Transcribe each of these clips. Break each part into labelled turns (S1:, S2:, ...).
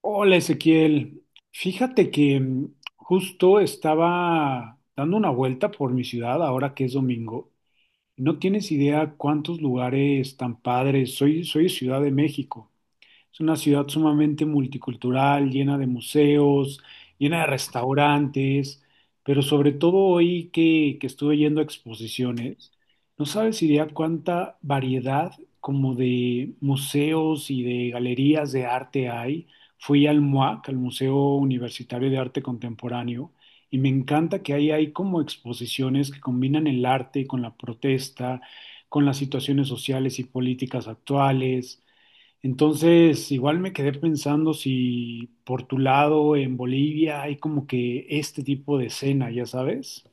S1: Hola Ezequiel, fíjate que justo estaba dando una vuelta por mi ciudad ahora que es domingo. No tienes idea cuántos lugares tan padres. Soy de Ciudad de México, es una ciudad sumamente multicultural, llena de museos, llena de restaurantes, pero sobre todo hoy que estuve yendo a exposiciones. No sabes idea cuánta variedad como de museos y de galerías de arte hay. Fui al MUAC, al Museo Universitario de Arte Contemporáneo, y me encanta que ahí hay como exposiciones que combinan el arte con la protesta, con las situaciones sociales y políticas actuales. Entonces, igual me quedé pensando si por tu lado en Bolivia hay como que este tipo de escena, ya sabes.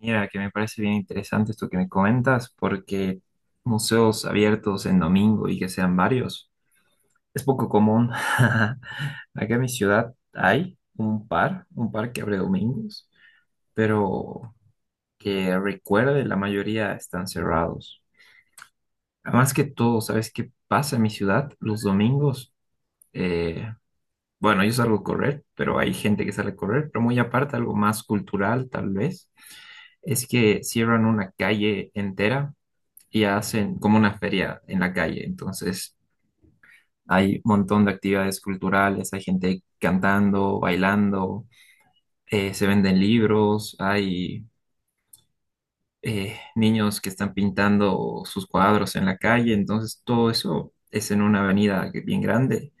S2: Mira, que me parece bien interesante esto que me comentas, porque museos abiertos en domingo y que sean varios es poco común. Acá en mi ciudad hay un par que abre domingos, pero que recuerde la mayoría están cerrados. Además que todo, ¿sabes qué pasa en mi ciudad? Los domingos, eh, bueno, yo salgo a correr, pero hay gente que sale a correr, pero muy aparte, algo más cultural tal vez es que cierran una calle entera y hacen como una feria en la calle. Entonces hay un montón de actividades culturales, hay gente cantando, bailando, se venden libros, hay niños que están pintando sus cuadros en la calle. Entonces todo eso es en una avenida bien grande.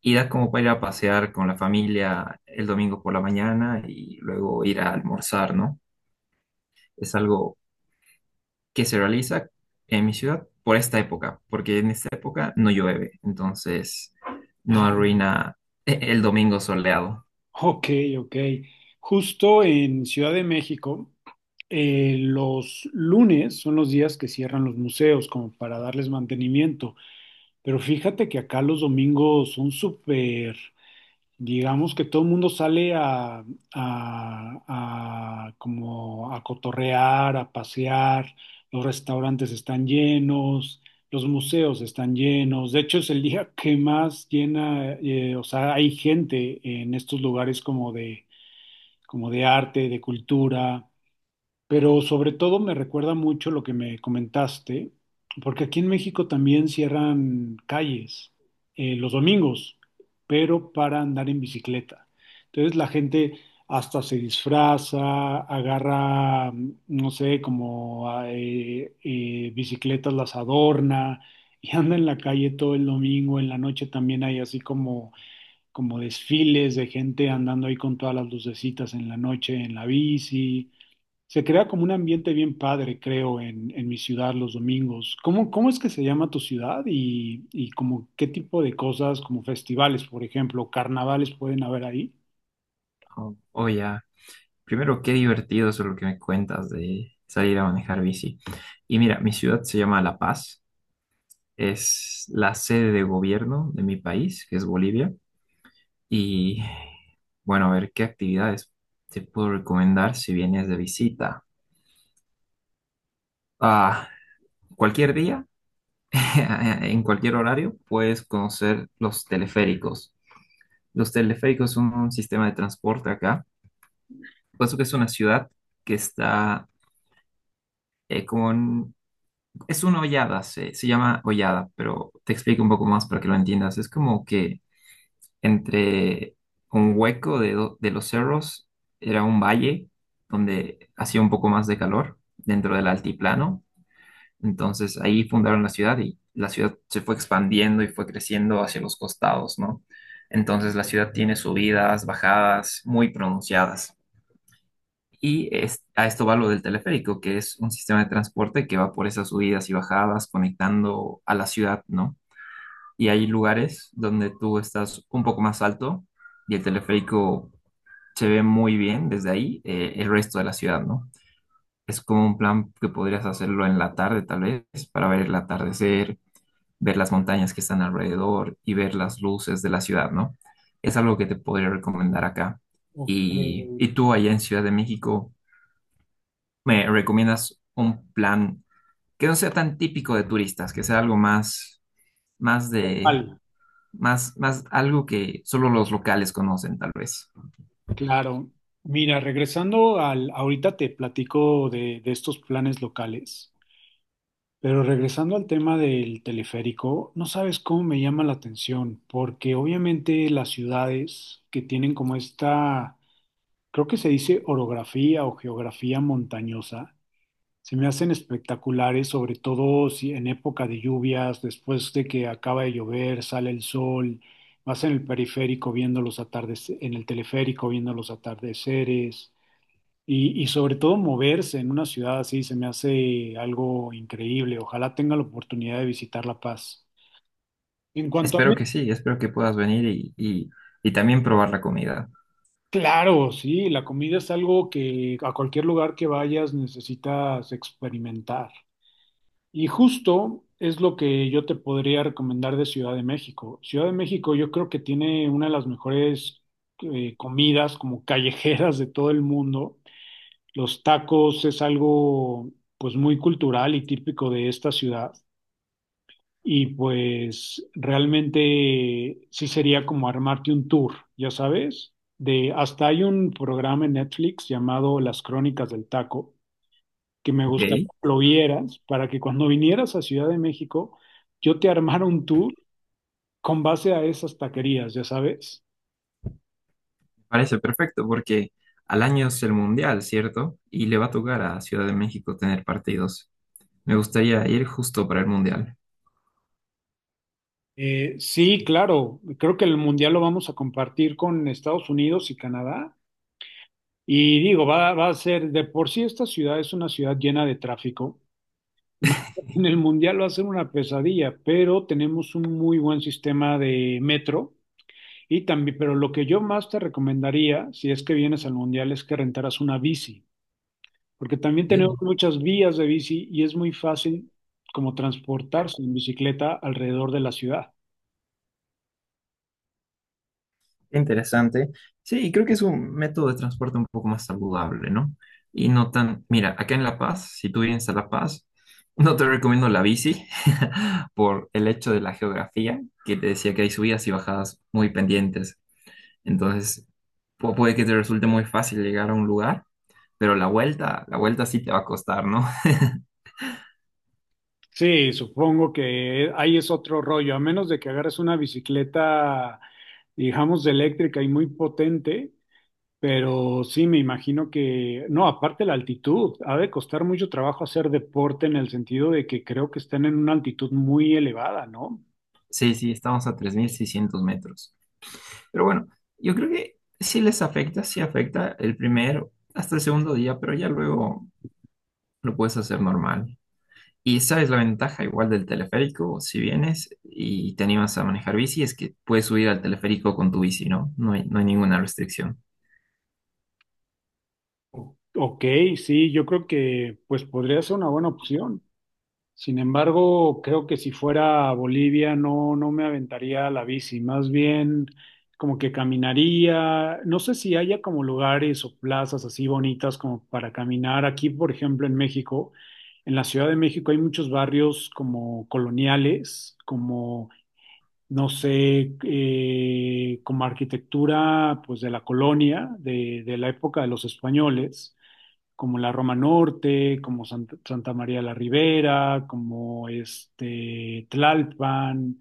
S2: Y da como para ir a pasear con la familia el domingo por la mañana y luego ir a almorzar, ¿no? Es algo que se realiza en mi ciudad por esta época, porque en esta época no llueve, entonces no
S1: Ah,
S2: arruina el domingo soleado.
S1: ok, ok. Justo en Ciudad de México, los lunes son los días que cierran los museos como para darles mantenimiento, pero fíjate que acá los domingos son súper, digamos que todo el mundo sale a, a como a cotorrear, a pasear, los restaurantes están llenos, los museos están llenos, de hecho es el día que más llena, o sea, hay gente en estos lugares como de arte, de cultura, pero sobre todo me recuerda mucho lo que me comentaste, porque aquí en México también cierran calles los domingos, pero para andar en bicicleta. Entonces la gente hasta se disfraza, agarra, no sé, como bicicletas, las adorna y anda en la calle todo el domingo. En la noche también hay así como, como desfiles de gente andando ahí con todas las lucecitas en la noche en la bici. Se crea como un ambiente bien padre, creo, en mi ciudad los domingos. ¿Cómo, cómo es que se llama tu ciudad y como qué tipo de cosas, como festivales, por ejemplo, carnavales pueden haber ahí?
S2: Oh, oh, ya. Primero, qué divertido eso lo que me cuentas de salir a manejar bici. Y mira, mi ciudad se llama La Paz, es la sede de gobierno de mi país, que es Bolivia. Y bueno, a ver qué actividades te puedo recomendar si vienes de visita. Ah, cualquier día. En cualquier horario, puedes conocer los teleféricos. Los teleféricos son un sistema de transporte acá, puesto que es una ciudad que está con... Es una hollada, se llama hollada, pero te explico un poco más para que lo entiendas. Es como que entre un hueco de, de los cerros era un valle donde hacía un poco más de calor dentro del altiplano. Entonces ahí fundaron la ciudad y la ciudad se fue expandiendo y fue creciendo hacia los costados, ¿no? Entonces la ciudad tiene subidas, bajadas muy pronunciadas. A esto va lo del teleférico, que es un sistema de transporte que va por esas subidas y bajadas conectando a la ciudad, ¿no? Y hay lugares donde tú estás un poco más alto y el teleférico se ve muy bien desde ahí, el resto de la ciudad, ¿no? Es como un plan que podrías hacerlo en la tarde, tal vez, para ver el atardecer, ver las montañas que están alrededor y ver las luces de la ciudad, ¿no? Es algo que te podría recomendar acá.
S1: Ok,
S2: Y tú allá en Ciudad de México, ¿me recomiendas un plan que no sea tan típico de turistas, que sea algo más, más de,
S1: Al,
S2: más, más algo que solo los locales conocen, tal vez?
S1: claro. Mira, regresando al, ahorita te platico de estos planes locales, pero regresando al tema del teleférico, no sabes cómo me llama la atención, porque obviamente las ciudades que tienen como esta, creo que se dice orografía o geografía montañosa. Se me hacen espectaculares, sobre todo si en época de lluvias, después de que acaba de llover, sale el sol, vas en el periférico viendo los atardeceres, en el teleférico viendo los atardeceres y sobre todo moverse en una ciudad así se me hace algo increíble. Ojalá tenga la oportunidad de visitar La Paz. En cuanto a
S2: Espero que
S1: México,
S2: sí, espero que puedas venir y también probar la comida.
S1: claro, sí, la comida es algo que a cualquier lugar que vayas necesitas experimentar. Y justo es lo que yo te podría recomendar de Ciudad de México. Ciudad de México yo creo que tiene una de las mejores comidas como callejeras de todo el mundo. Los tacos es algo pues muy cultural y típico de esta ciudad. Y pues realmente sí sería como armarte un tour, ya sabes. De, hasta hay un programa en Netflix llamado Las Crónicas del Taco que me
S2: Ok,
S1: gustaría que lo vieras para que cuando vinieras a Ciudad de México yo te armara un tour con base a esas taquerías, ya sabes.
S2: parece perfecto porque al año es el mundial, ¿cierto? Y le va a tocar a Ciudad de México tener partidos. Me gustaría ir justo para el mundial.
S1: Sí, claro, creo que el mundial lo vamos a compartir con Estados Unidos y Canadá. Y digo, va a ser, de por sí esta ciudad es una ciudad llena de tráfico. Imagínate, en el mundial va a ser una pesadilla, pero tenemos un muy buen sistema de metro. Y también, pero lo que yo más te recomendaría, si es que vienes al mundial, es que rentaras una bici, porque también tenemos
S2: Ok.
S1: muchas vías de bici y es muy fácil como transportarse en bicicleta alrededor de la ciudad.
S2: Interesante. Sí, y creo que es un método de transporte un poco más saludable, ¿no? Y no tan, mira, acá en La Paz, si tú vienes a La Paz, no te recomiendo la bici por el hecho de la geografía, que te decía que hay subidas y bajadas muy pendientes. Entonces, puede que te resulte muy fácil llegar a un lugar, pero la vuelta sí te va a costar, ¿no?
S1: Sí, supongo que ahí es otro rollo, a menos de que agarres una bicicleta, digamos, de eléctrica y muy potente, pero sí, me imagino que, no, aparte la altitud, ha de costar mucho trabajo hacer deporte en el sentido de que creo que están en una altitud muy elevada, ¿no?
S2: Sí, sí, estamos a 3600 metros. Pero bueno, yo creo que sí les afecta, sí afecta el primero hasta el segundo día, pero ya luego lo puedes hacer normal. Y esa es la ventaja igual del teleférico, si vienes y te animas a manejar bici, es que puedes subir al teleférico con tu bici, ¿no? No hay, no hay ninguna restricción.
S1: O- Ok, sí, yo creo que pues podría ser una buena opción. Sin embargo, creo que si fuera a Bolivia no, no me aventaría a la bici, más bien como que caminaría. No sé si haya como lugares o plazas así bonitas como para caminar. Aquí, por ejemplo, en México, en la Ciudad de México hay muchos barrios como coloniales, como, no sé, como arquitectura pues de la colonia, de la época de los españoles, como la Roma Norte, como Santa María la Ribera, como este Tlalpan,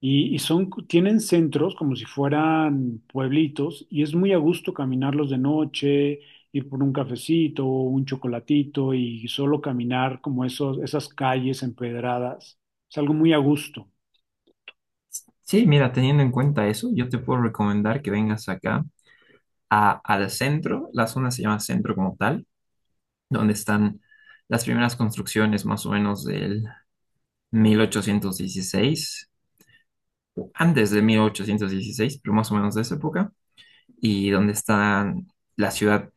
S1: y son, tienen centros como si fueran pueblitos, y es muy a gusto caminarlos de noche, ir por un cafecito, un chocolatito, y solo caminar como esos, esas calles empedradas. Es algo muy a gusto.
S2: Sí, mira, teniendo en cuenta eso, yo te puedo recomendar que vengas acá al centro, la zona se llama centro como tal, donde están las primeras construcciones más o menos del 1816, antes de 1816, pero más o menos de esa época, y donde está la ciudad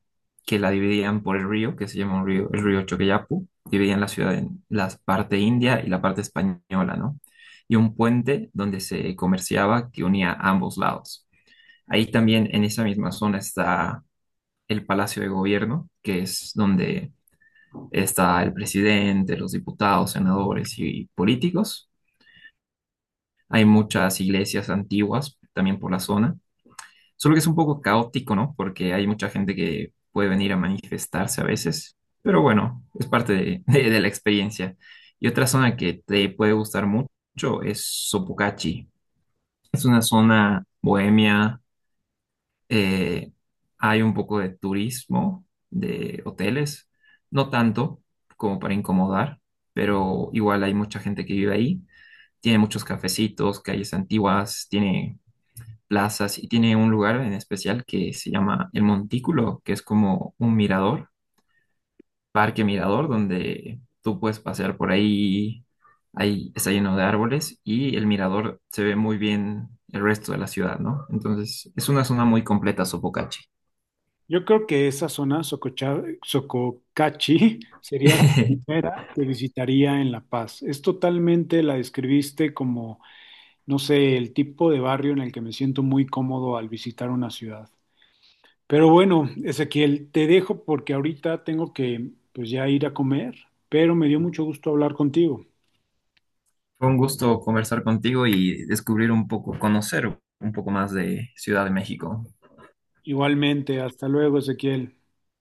S2: que la dividían por el río, que se llama un río, el río Choqueyapu, dividían la ciudad en la parte india y la parte española, ¿no? Y un puente donde se comerciaba que unía ambos lados. Ahí también en esa misma zona está el Palacio de Gobierno, que es donde está el presidente, los diputados, senadores y políticos. Hay muchas iglesias antiguas también por la zona. Solo que es un poco caótico, ¿no? Porque hay mucha gente que puede venir a manifestarse a veces, pero bueno, es parte de, de la experiencia. Y otra zona que te puede gustar mucho es Sopocachi. Es una zona bohemia, eh, hay un poco de turismo, de hoteles, no tanto como para incomodar, pero igual hay mucha gente que vive ahí. Tiene muchos cafecitos, calles antiguas, tiene plazas y tiene un lugar en especial que se llama El Montículo, que es como un mirador, parque mirador, donde tú puedes pasear por ahí, ahí está lleno de árboles y el mirador se ve muy bien el resto de la ciudad, ¿no? Entonces, es una zona muy completa, Sopocachi.
S1: Yo creo que esa zona, Sococachi, sería la primera que visitaría en La Paz. Es totalmente, la describiste como, no sé, el tipo de barrio en el que me siento muy cómodo al visitar una ciudad. Pero bueno, Ezequiel, te dejo porque ahorita tengo que pues ya ir a comer, pero me dio mucho gusto hablar contigo.
S2: Fue un gusto conversar contigo y descubrir un poco, conocer un poco más de Ciudad de México.
S1: Igualmente, hasta luego, Ezequiel.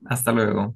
S2: Hasta luego.